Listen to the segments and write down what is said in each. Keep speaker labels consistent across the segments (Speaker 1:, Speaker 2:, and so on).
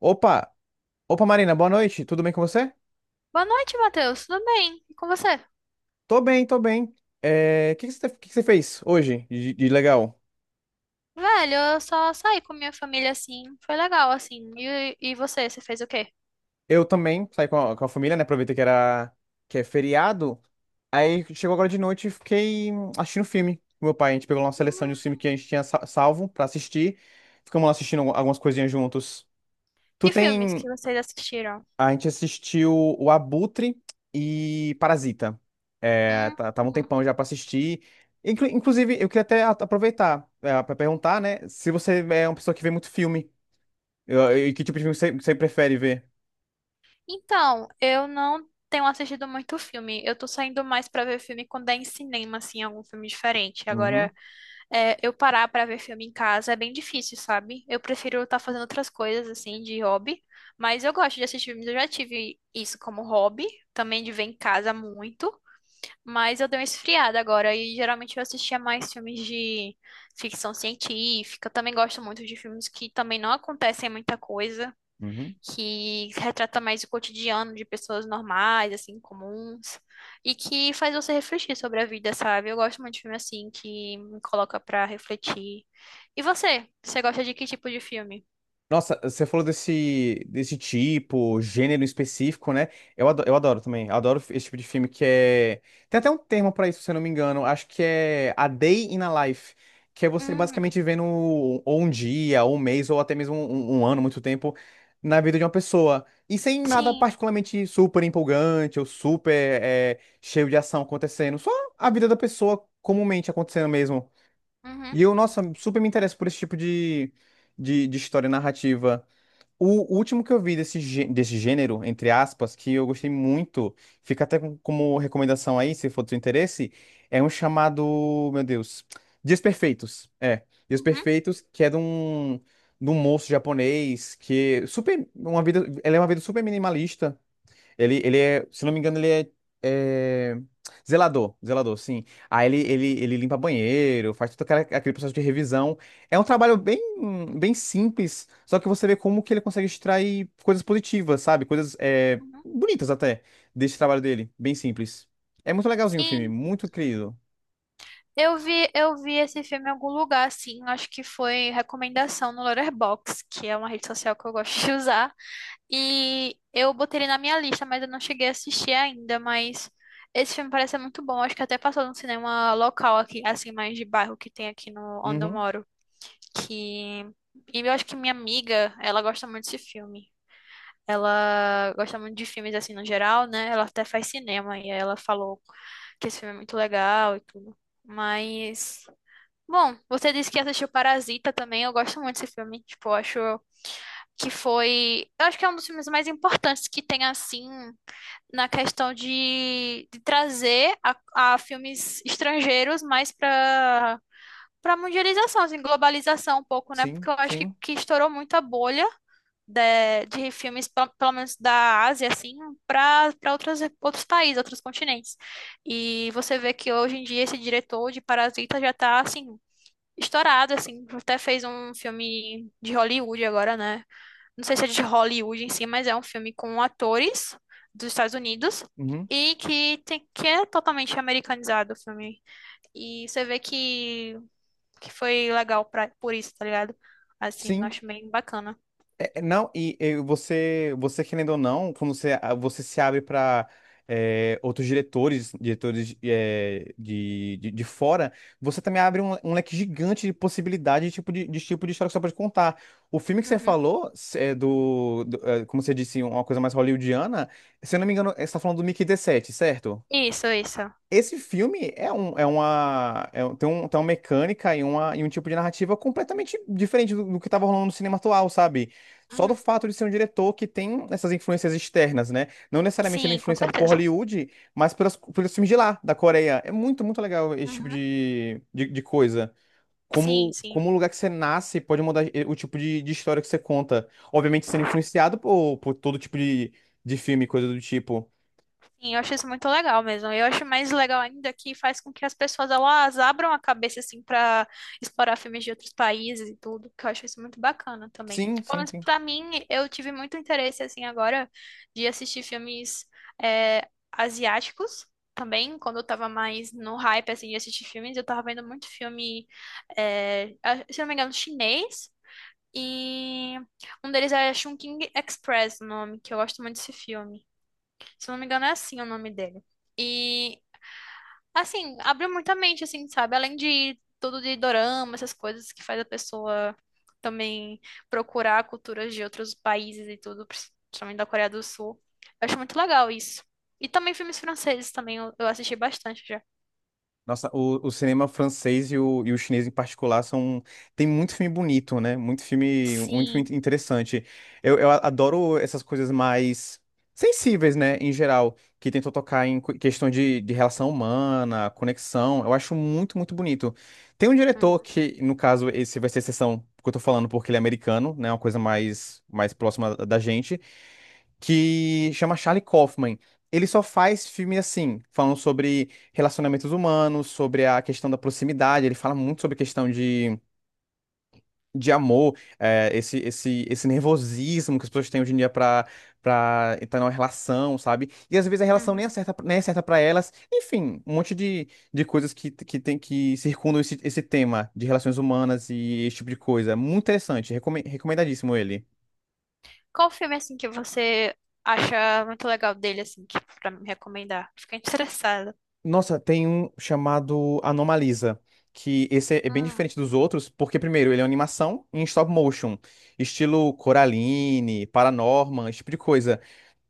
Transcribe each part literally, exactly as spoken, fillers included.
Speaker 1: Opa! Opa, Marina, boa noite. Tudo bem com você?
Speaker 2: Boa noite, Matheus. Tudo bem? E com você?
Speaker 1: Tô bem, tô bem. É, O que que você, que que você fez hoje de, de legal?
Speaker 2: Velho, eu só saí com minha família assim. Foi legal, assim. E, e você, você fez o quê?
Speaker 1: Eu também saí com a, com a família, né? Aproveitei que era que é feriado. Aí chegou agora de noite e fiquei hum, assistindo filme com meu pai. A gente pegou lá uma seleção de um filme que a gente tinha sa- salvo pra assistir. Ficamos lá assistindo algumas coisinhas juntos. Tu
Speaker 2: Que filmes que
Speaker 1: tem
Speaker 2: vocês assistiram?
Speaker 1: A gente assistiu o Abutre e Parasita. É,
Speaker 2: Hum.
Speaker 1: tá- tava um tempão já pra assistir. Inclu- inclusive, eu queria até a- aproveitar é, para perguntar, né, se você é uma pessoa que vê muito filme. Eu- eu- e que tipo de filme você, você prefere ver?
Speaker 2: Então, eu não tenho assistido muito filme. Eu tô saindo mais pra ver filme quando é em cinema, assim, algum filme diferente.
Speaker 1: Uhum,
Speaker 2: Agora, é, eu parar pra ver filme em casa é bem difícil, sabe? Eu prefiro estar fazendo outras coisas, assim, de hobby. Mas eu gosto de assistir filmes. Eu já tive isso como hobby, também de ver em casa muito. Mas eu dei uma esfriada agora e geralmente eu assistia mais filmes de ficção científica. Eu também gosto muito de filmes que também não acontecem muita coisa,
Speaker 1: uhum.
Speaker 2: que retrata mais o cotidiano de pessoas normais, assim, comuns, e que faz você refletir sobre a vida, sabe? Eu gosto muito de filme assim que me coloca pra refletir. E você? Você gosta de que tipo de filme?
Speaker 1: Nossa, você falou desse, desse tipo, gênero específico, né? Eu adoro, eu adoro também. Adoro esse tipo de filme que é. Tem até um termo pra isso, se eu não me engano. Acho que é A Day in a Life. Que é você
Speaker 2: Hum,
Speaker 1: basicamente vendo ou um dia, ou um mês, ou até mesmo um, um ano, muito tempo, na vida de uma pessoa. E sem nada
Speaker 2: sim.
Speaker 1: particularmente super empolgante ou super é, cheio de ação acontecendo. Só a vida da pessoa comumente acontecendo mesmo.
Speaker 2: Uhum,
Speaker 1: E eu, nossa, super me interesso por esse tipo de, de, de história narrativa. O último que eu vi desse, gê- desse gênero, entre aspas, que eu gostei muito, fica até com- como recomendação aí, se for do seu interesse, é um chamado, meu Deus, Dias Perfeitos. É, Dias
Speaker 2: uhum,
Speaker 1: Perfeitos, que é de um, de um moço japonês que super, uma vida, ele é uma vida super minimalista, ele, ele é, se não me engano, ele é, é, zelador, zelador, sim. Aí ele, ele, ele limpa banheiro, faz todo aquela- aquele processo de revisão. É um trabalho bem, bem simples, só que você vê como que ele consegue extrair coisas positivas, sabe? Coisas é,
Speaker 2: uhum.
Speaker 1: bonitas até, desse trabalho dele, bem simples. É muito legalzinho o filme,
Speaker 2: Sim.
Speaker 1: muito querido.
Speaker 2: Eu vi, eu vi esse filme em algum lugar, assim, acho que foi recomendação no Letterboxd, que é uma rede social que eu gosto de usar, e eu botei ele na minha lista, mas eu não cheguei a assistir ainda, mas esse filme parece ser muito bom, acho que até passou num cinema local aqui, assim, mais de bairro que tem aqui no onde eu
Speaker 1: Uhum,
Speaker 2: moro, que... E eu acho que minha amiga, ela gosta muito desse filme. Ela gosta muito de filmes assim no geral, né? Ela até faz cinema e aí ela falou que esse filme é muito legal e tudo. Mas bom, você disse que assistiu Parasita também. Eu gosto muito desse filme. Tipo, eu acho que foi. Eu acho que é um dos filmes mais importantes que tem, assim, na questão de, de trazer a, a filmes estrangeiros mais para para mundialização, assim, globalização um pouco, né? Porque
Speaker 1: sim,
Speaker 2: eu acho que,
Speaker 1: sim,
Speaker 2: que estourou muito a bolha de, de filmes, pe- pelo menos da Ásia, assim, para para outros, outros países, outros continentes. E você vê que hoje em dia esse diretor de Parasita já tá, assim, estourado, assim. Até fez um filme de Hollywood agora, né? Não sei se é de Hollywood em si, mas é um filme com atores dos Estados Unidos
Speaker 1: uhum,
Speaker 2: e que, tem, que é totalmente americanizado o filme. E você vê que, que foi legal pra, por isso, tá ligado? Assim, eu
Speaker 1: sim.
Speaker 2: acho bem bacana.
Speaker 1: É, é, não, e, e você, Você querendo ou não, quando você, a- você se abre para outros diretores, diretores é, de, de, de fora, você também abre um, um leque gigante de possibilidade de tipo de, de tipo de história que você pode contar. O filme que você
Speaker 2: Uhum.
Speaker 1: falou, se- é do, do, é, como você disse, uma coisa mais hollywoodiana, se eu não me engano, você está falando do Mickey dezessete, certo?
Speaker 2: Isso, isso.
Speaker 1: Esse filme é um, é uma, é um- tem, um, tem uma mecânica e, uma, e um tipo de narrativa completamente diferente do, do que estava rolando no cinema atual, sabe? Só do
Speaker 2: Uhum.
Speaker 1: fato de ser um diretor que tem essas influências externas, né? Não necessariamente ele é
Speaker 2: Sim, com
Speaker 1: influenciado por
Speaker 2: certeza.
Speaker 1: Hollywood, mas pelas, pelos filmes de lá, da Coreia. É muito, muito legal esse tipo
Speaker 2: Uhum.
Speaker 1: de, de, de coisa.
Speaker 2: Sim,
Speaker 1: Como, como
Speaker 2: sim.
Speaker 1: o lugar que você nasce pode mudar eh, o tipo de, de história que você conta. Obviamente sendo influenciado por, por todo tipo de, de filme, coisa do tipo.
Speaker 2: Sim, eu acho isso muito legal mesmo. Eu acho mais legal ainda que faz com que as pessoas elas abram a cabeça assim para explorar filmes de outros países e tudo, que eu acho isso muito bacana também.
Speaker 1: Sim,
Speaker 2: Pelo
Speaker 1: sim,
Speaker 2: menos
Speaker 1: sim.
Speaker 2: para mim, eu tive muito interesse assim agora de assistir filmes é, asiáticos também. Quando eu tava mais no hype assim de assistir filmes, eu tava vendo muito filme, é, a- se não me engano, chinês. E um deles é Chungking Express, o nome, que eu gosto muito desse filme. Se não me engano, é assim o nome dele. E, assim, abriu muita mente, assim, sabe? Além de tudo de dorama, essas coisas que faz a pessoa também procurar culturas de outros países e tudo, principalmente da Coreia do Sul. Eu acho muito legal isso. E também filmes franceses também, eu, eu assisti bastante já.
Speaker 1: Nossa, o, o cinema francês e o, e o chinês em particular são. Tem muito filme bonito, né? Muito filme, muito filme
Speaker 2: Sim.
Speaker 1: interessante. Eu, eu adoro essas coisas mais sensíveis, né? Em geral, que tentam tocar em cu- questão de, de relação humana, conexão. Eu acho muito, muito bonito. Tem um diretor
Speaker 2: Uhum,
Speaker 1: que, no caso, esse vai ser a exceção que eu tô falando, porque ele é americano, né? Uma coisa mais, mais próxima da gente que chama Charlie Kaufman. Ele só faz filme assim, falando sobre relacionamentos humanos, sobre a questão da proximidade. Ele fala muito sobre a questão de, de amor, é, esse, esse, esse nervosismo que as pessoas têm hoje em dia para para entrar numa relação, sabe? E às vezes a relação nem
Speaker 2: uhum.
Speaker 1: é certa, nem é certa para elas. Enfim, um monte de, de coisas que, que tem que circundam esse, esse tema de relações humanas e esse tipo de coisa. Muito interessante, recome- recomendadíssimo ele.
Speaker 2: Qual filme, assim, que você acha muito legal dele, assim, que, pra me recomendar? Fiquei interessada.
Speaker 1: Nossa, tem um chamado Anomalisa, que esse é é bem
Speaker 2: Hum,
Speaker 1: diferente dos outros, porque primeiro, ele é uma animação em stop motion, estilo Coraline, Paranorman, esse tipo de coisa.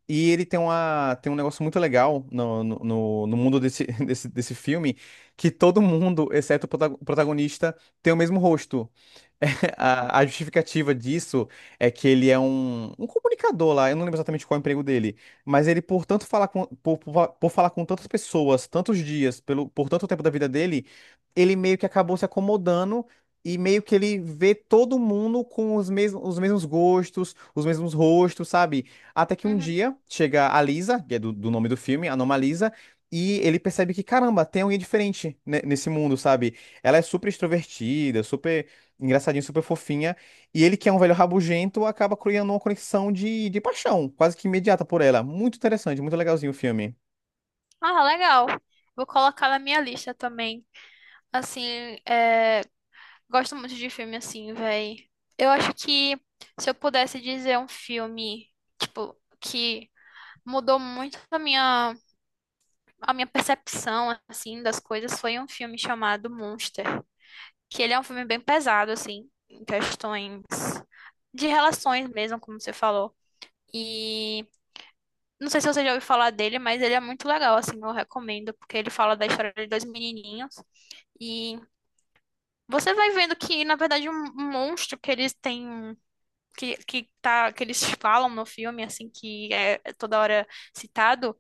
Speaker 1: E ele tem uma, tem um negócio muito legal no, no, no- no mundo desse, desse, desse filme, que todo mundo, exceto o prota- o protagonista, tem o mesmo rosto.
Speaker 2: hum,
Speaker 1: A, a justificativa disso é que ele é um, um comunicador lá, eu não lembro exatamente qual é o emprego dele, mas ele, por tanto falar com, por, por, por falar com tantas pessoas, tantos dias, pelo, por tanto tempo da vida dele, ele meio que acabou se acomodando e meio que ele vê todo mundo com os mesmos, os mesmos gostos, os mesmos rostos, sabe? Até que um
Speaker 2: uhum.
Speaker 1: dia chega a Lisa, que é do, do nome do filme, a nome Lisa, e ele percebe que, caramba, tem alguém diferente, né, nesse mundo, sabe? Ela é super extrovertida, super engraçadinho, super fofinha. E ele, que é um velho rabugento, acaba criando uma conexão de, de paixão, quase que imediata por ela. Muito interessante, muito legalzinho o filme.
Speaker 2: Ah, legal. Vou colocar na minha lista também. Assim, é, gosto muito de filme assim, véi. Eu acho que se eu pudesse dizer um filme, tipo, que mudou muito a minha, a minha percepção, assim, das coisas, foi um filme chamado Monster. Que ele é um filme bem pesado, assim, em questões de relações mesmo, como você falou. E não sei se você já ouviu falar dele, mas ele é muito legal, assim, eu recomendo, porque ele fala da história de dois menininhos. E você vai vendo que, na verdade, um um monstro que eles têm, que, que, tá, que eles falam no filme, assim, que é é toda hora citado,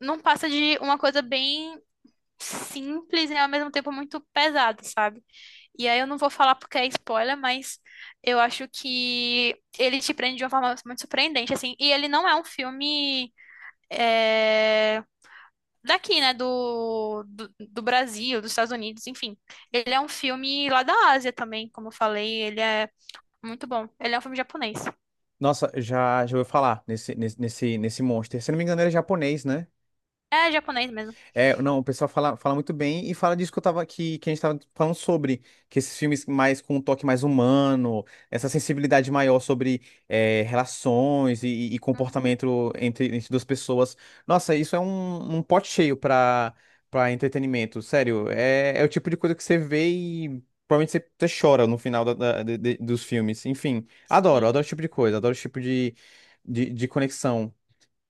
Speaker 2: não passa de uma coisa bem simples e, ao mesmo tempo, muito pesada, sabe? E aí eu não vou falar porque é spoiler, mas eu acho que ele te prende de uma forma muito surpreendente, assim. E ele não é um filme. é, Daqui, né, do, do, do Brasil, dos Estados Unidos, enfim. Ele é um filme lá da Ásia também, como eu falei, ele é muito bom. Ele é um filme japonês.
Speaker 1: Nossa, já, já ouviu falar nesse, nesse, nesse, nesse monster. Se não me engano, ele é japonês, né?
Speaker 2: É japonês mesmo.
Speaker 1: É, não, O pessoal fala, fala muito bem e fala disso que eu tava que, que a gente tava falando sobre, que esses filmes mais com um toque mais humano, essa sensibilidade maior sobre é, relações e, e
Speaker 2: Uhum,
Speaker 1: comportamento entre, entre duas pessoas. Nossa, isso é um, um pote cheio para para entretenimento, sério. É, é o tipo de coisa que você vê e provavelmente você, você chora no final da- da- de- de- dos filmes. Enfim, adoro,
Speaker 2: sim.
Speaker 1: adoro esse tipo de coisa, adoro esse tipo de, de, de conexão.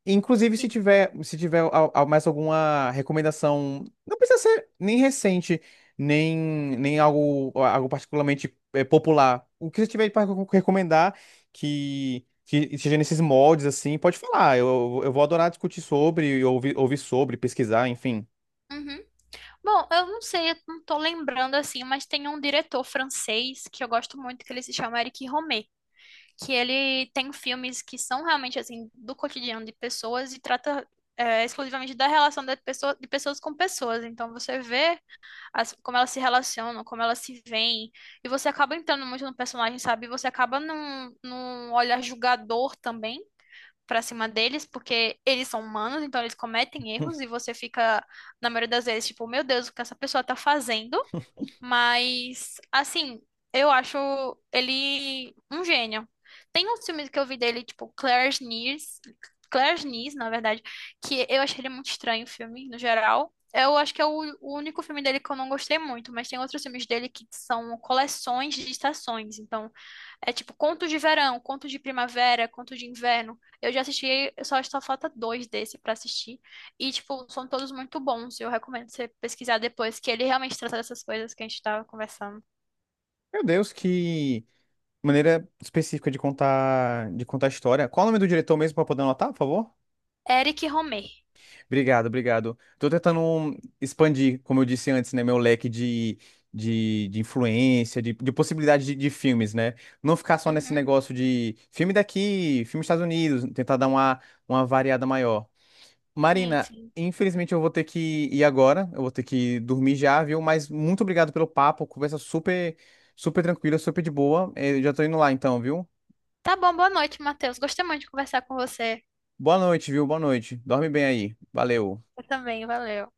Speaker 1: Inclusive, se
Speaker 2: E-
Speaker 1: tiver, se tiver al- al- mais alguma recomendação, não precisa ser nem recente, nem, nem algo, algo particularmente eh, popular. O que você tiver para recomendar que, que seja nesses moldes, assim, pode falar. Eu, eu vou adorar discutir sobre, ouvir, ouvir sobre, pesquisar, enfim.
Speaker 2: uhum. Bom, eu não sei, eu não tô lembrando assim, mas tem um diretor francês que eu gosto muito, que ele se chama Eric Rohmer, que ele tem filmes que são realmente assim do cotidiano de pessoas e trata é, exclusivamente da relação da pessoa, de pessoas com pessoas. Então você vê as- como elas se relacionam, como elas se veem. E você acaba entrando muito no personagem, sabe? E você acaba num, num olhar julgador também pra cima deles, porque eles são humanos, então eles cometem erros e você fica, na maioria das vezes, tipo, meu Deus, o que essa pessoa tá fazendo? Mas, assim, eu acho ele um gênio. Tem uns filmes que eu vi dele, tipo Claire's Niece, Claire's Niece, na verdade, que eu achei ele muito estranho o filme, no geral. Eu acho que é o, o único filme dele que eu não gostei muito, mas tem outros filmes dele que são coleções de estações. Então, é tipo contos de verão, contos de primavera, contos de inverno. Eu já assisti, só só falta dois desse pra assistir. E, tipo, são todos muito bons. Eu recomendo você pesquisar depois, que ele realmente trata dessas coisas que a gente tava conversando.
Speaker 1: Meu Deus, que maneira específica de contar, de contar a história. Qual é o nome do diretor mesmo para poder anotar, por favor?
Speaker 2: Eric Romer.
Speaker 1: Obrigado, obrigado. Tô tentando expandir, como eu disse antes, né, meu leque de, de, de influência, de, de possibilidade de, de filmes, né? Não ficar só nesse
Speaker 2: Uhum,
Speaker 1: negócio de filme daqui, filme dos Estados Unidos, tentar dar uma, uma variada maior.
Speaker 2: sim,
Speaker 1: Marina,
Speaker 2: sim.
Speaker 1: infelizmente eu vou ter que ir agora, eu vou ter que dormir já, viu? Mas muito obrigado pelo papo, conversa super, super tranquila, super de boa. Eh, já tô indo lá então, viu?
Speaker 2: Tá bom, boa noite, Matheus. Gostei muito de conversar com você.
Speaker 1: Boa noite, viu? Boa noite. Dorme bem aí. Valeu.
Speaker 2: Eu também, valeu.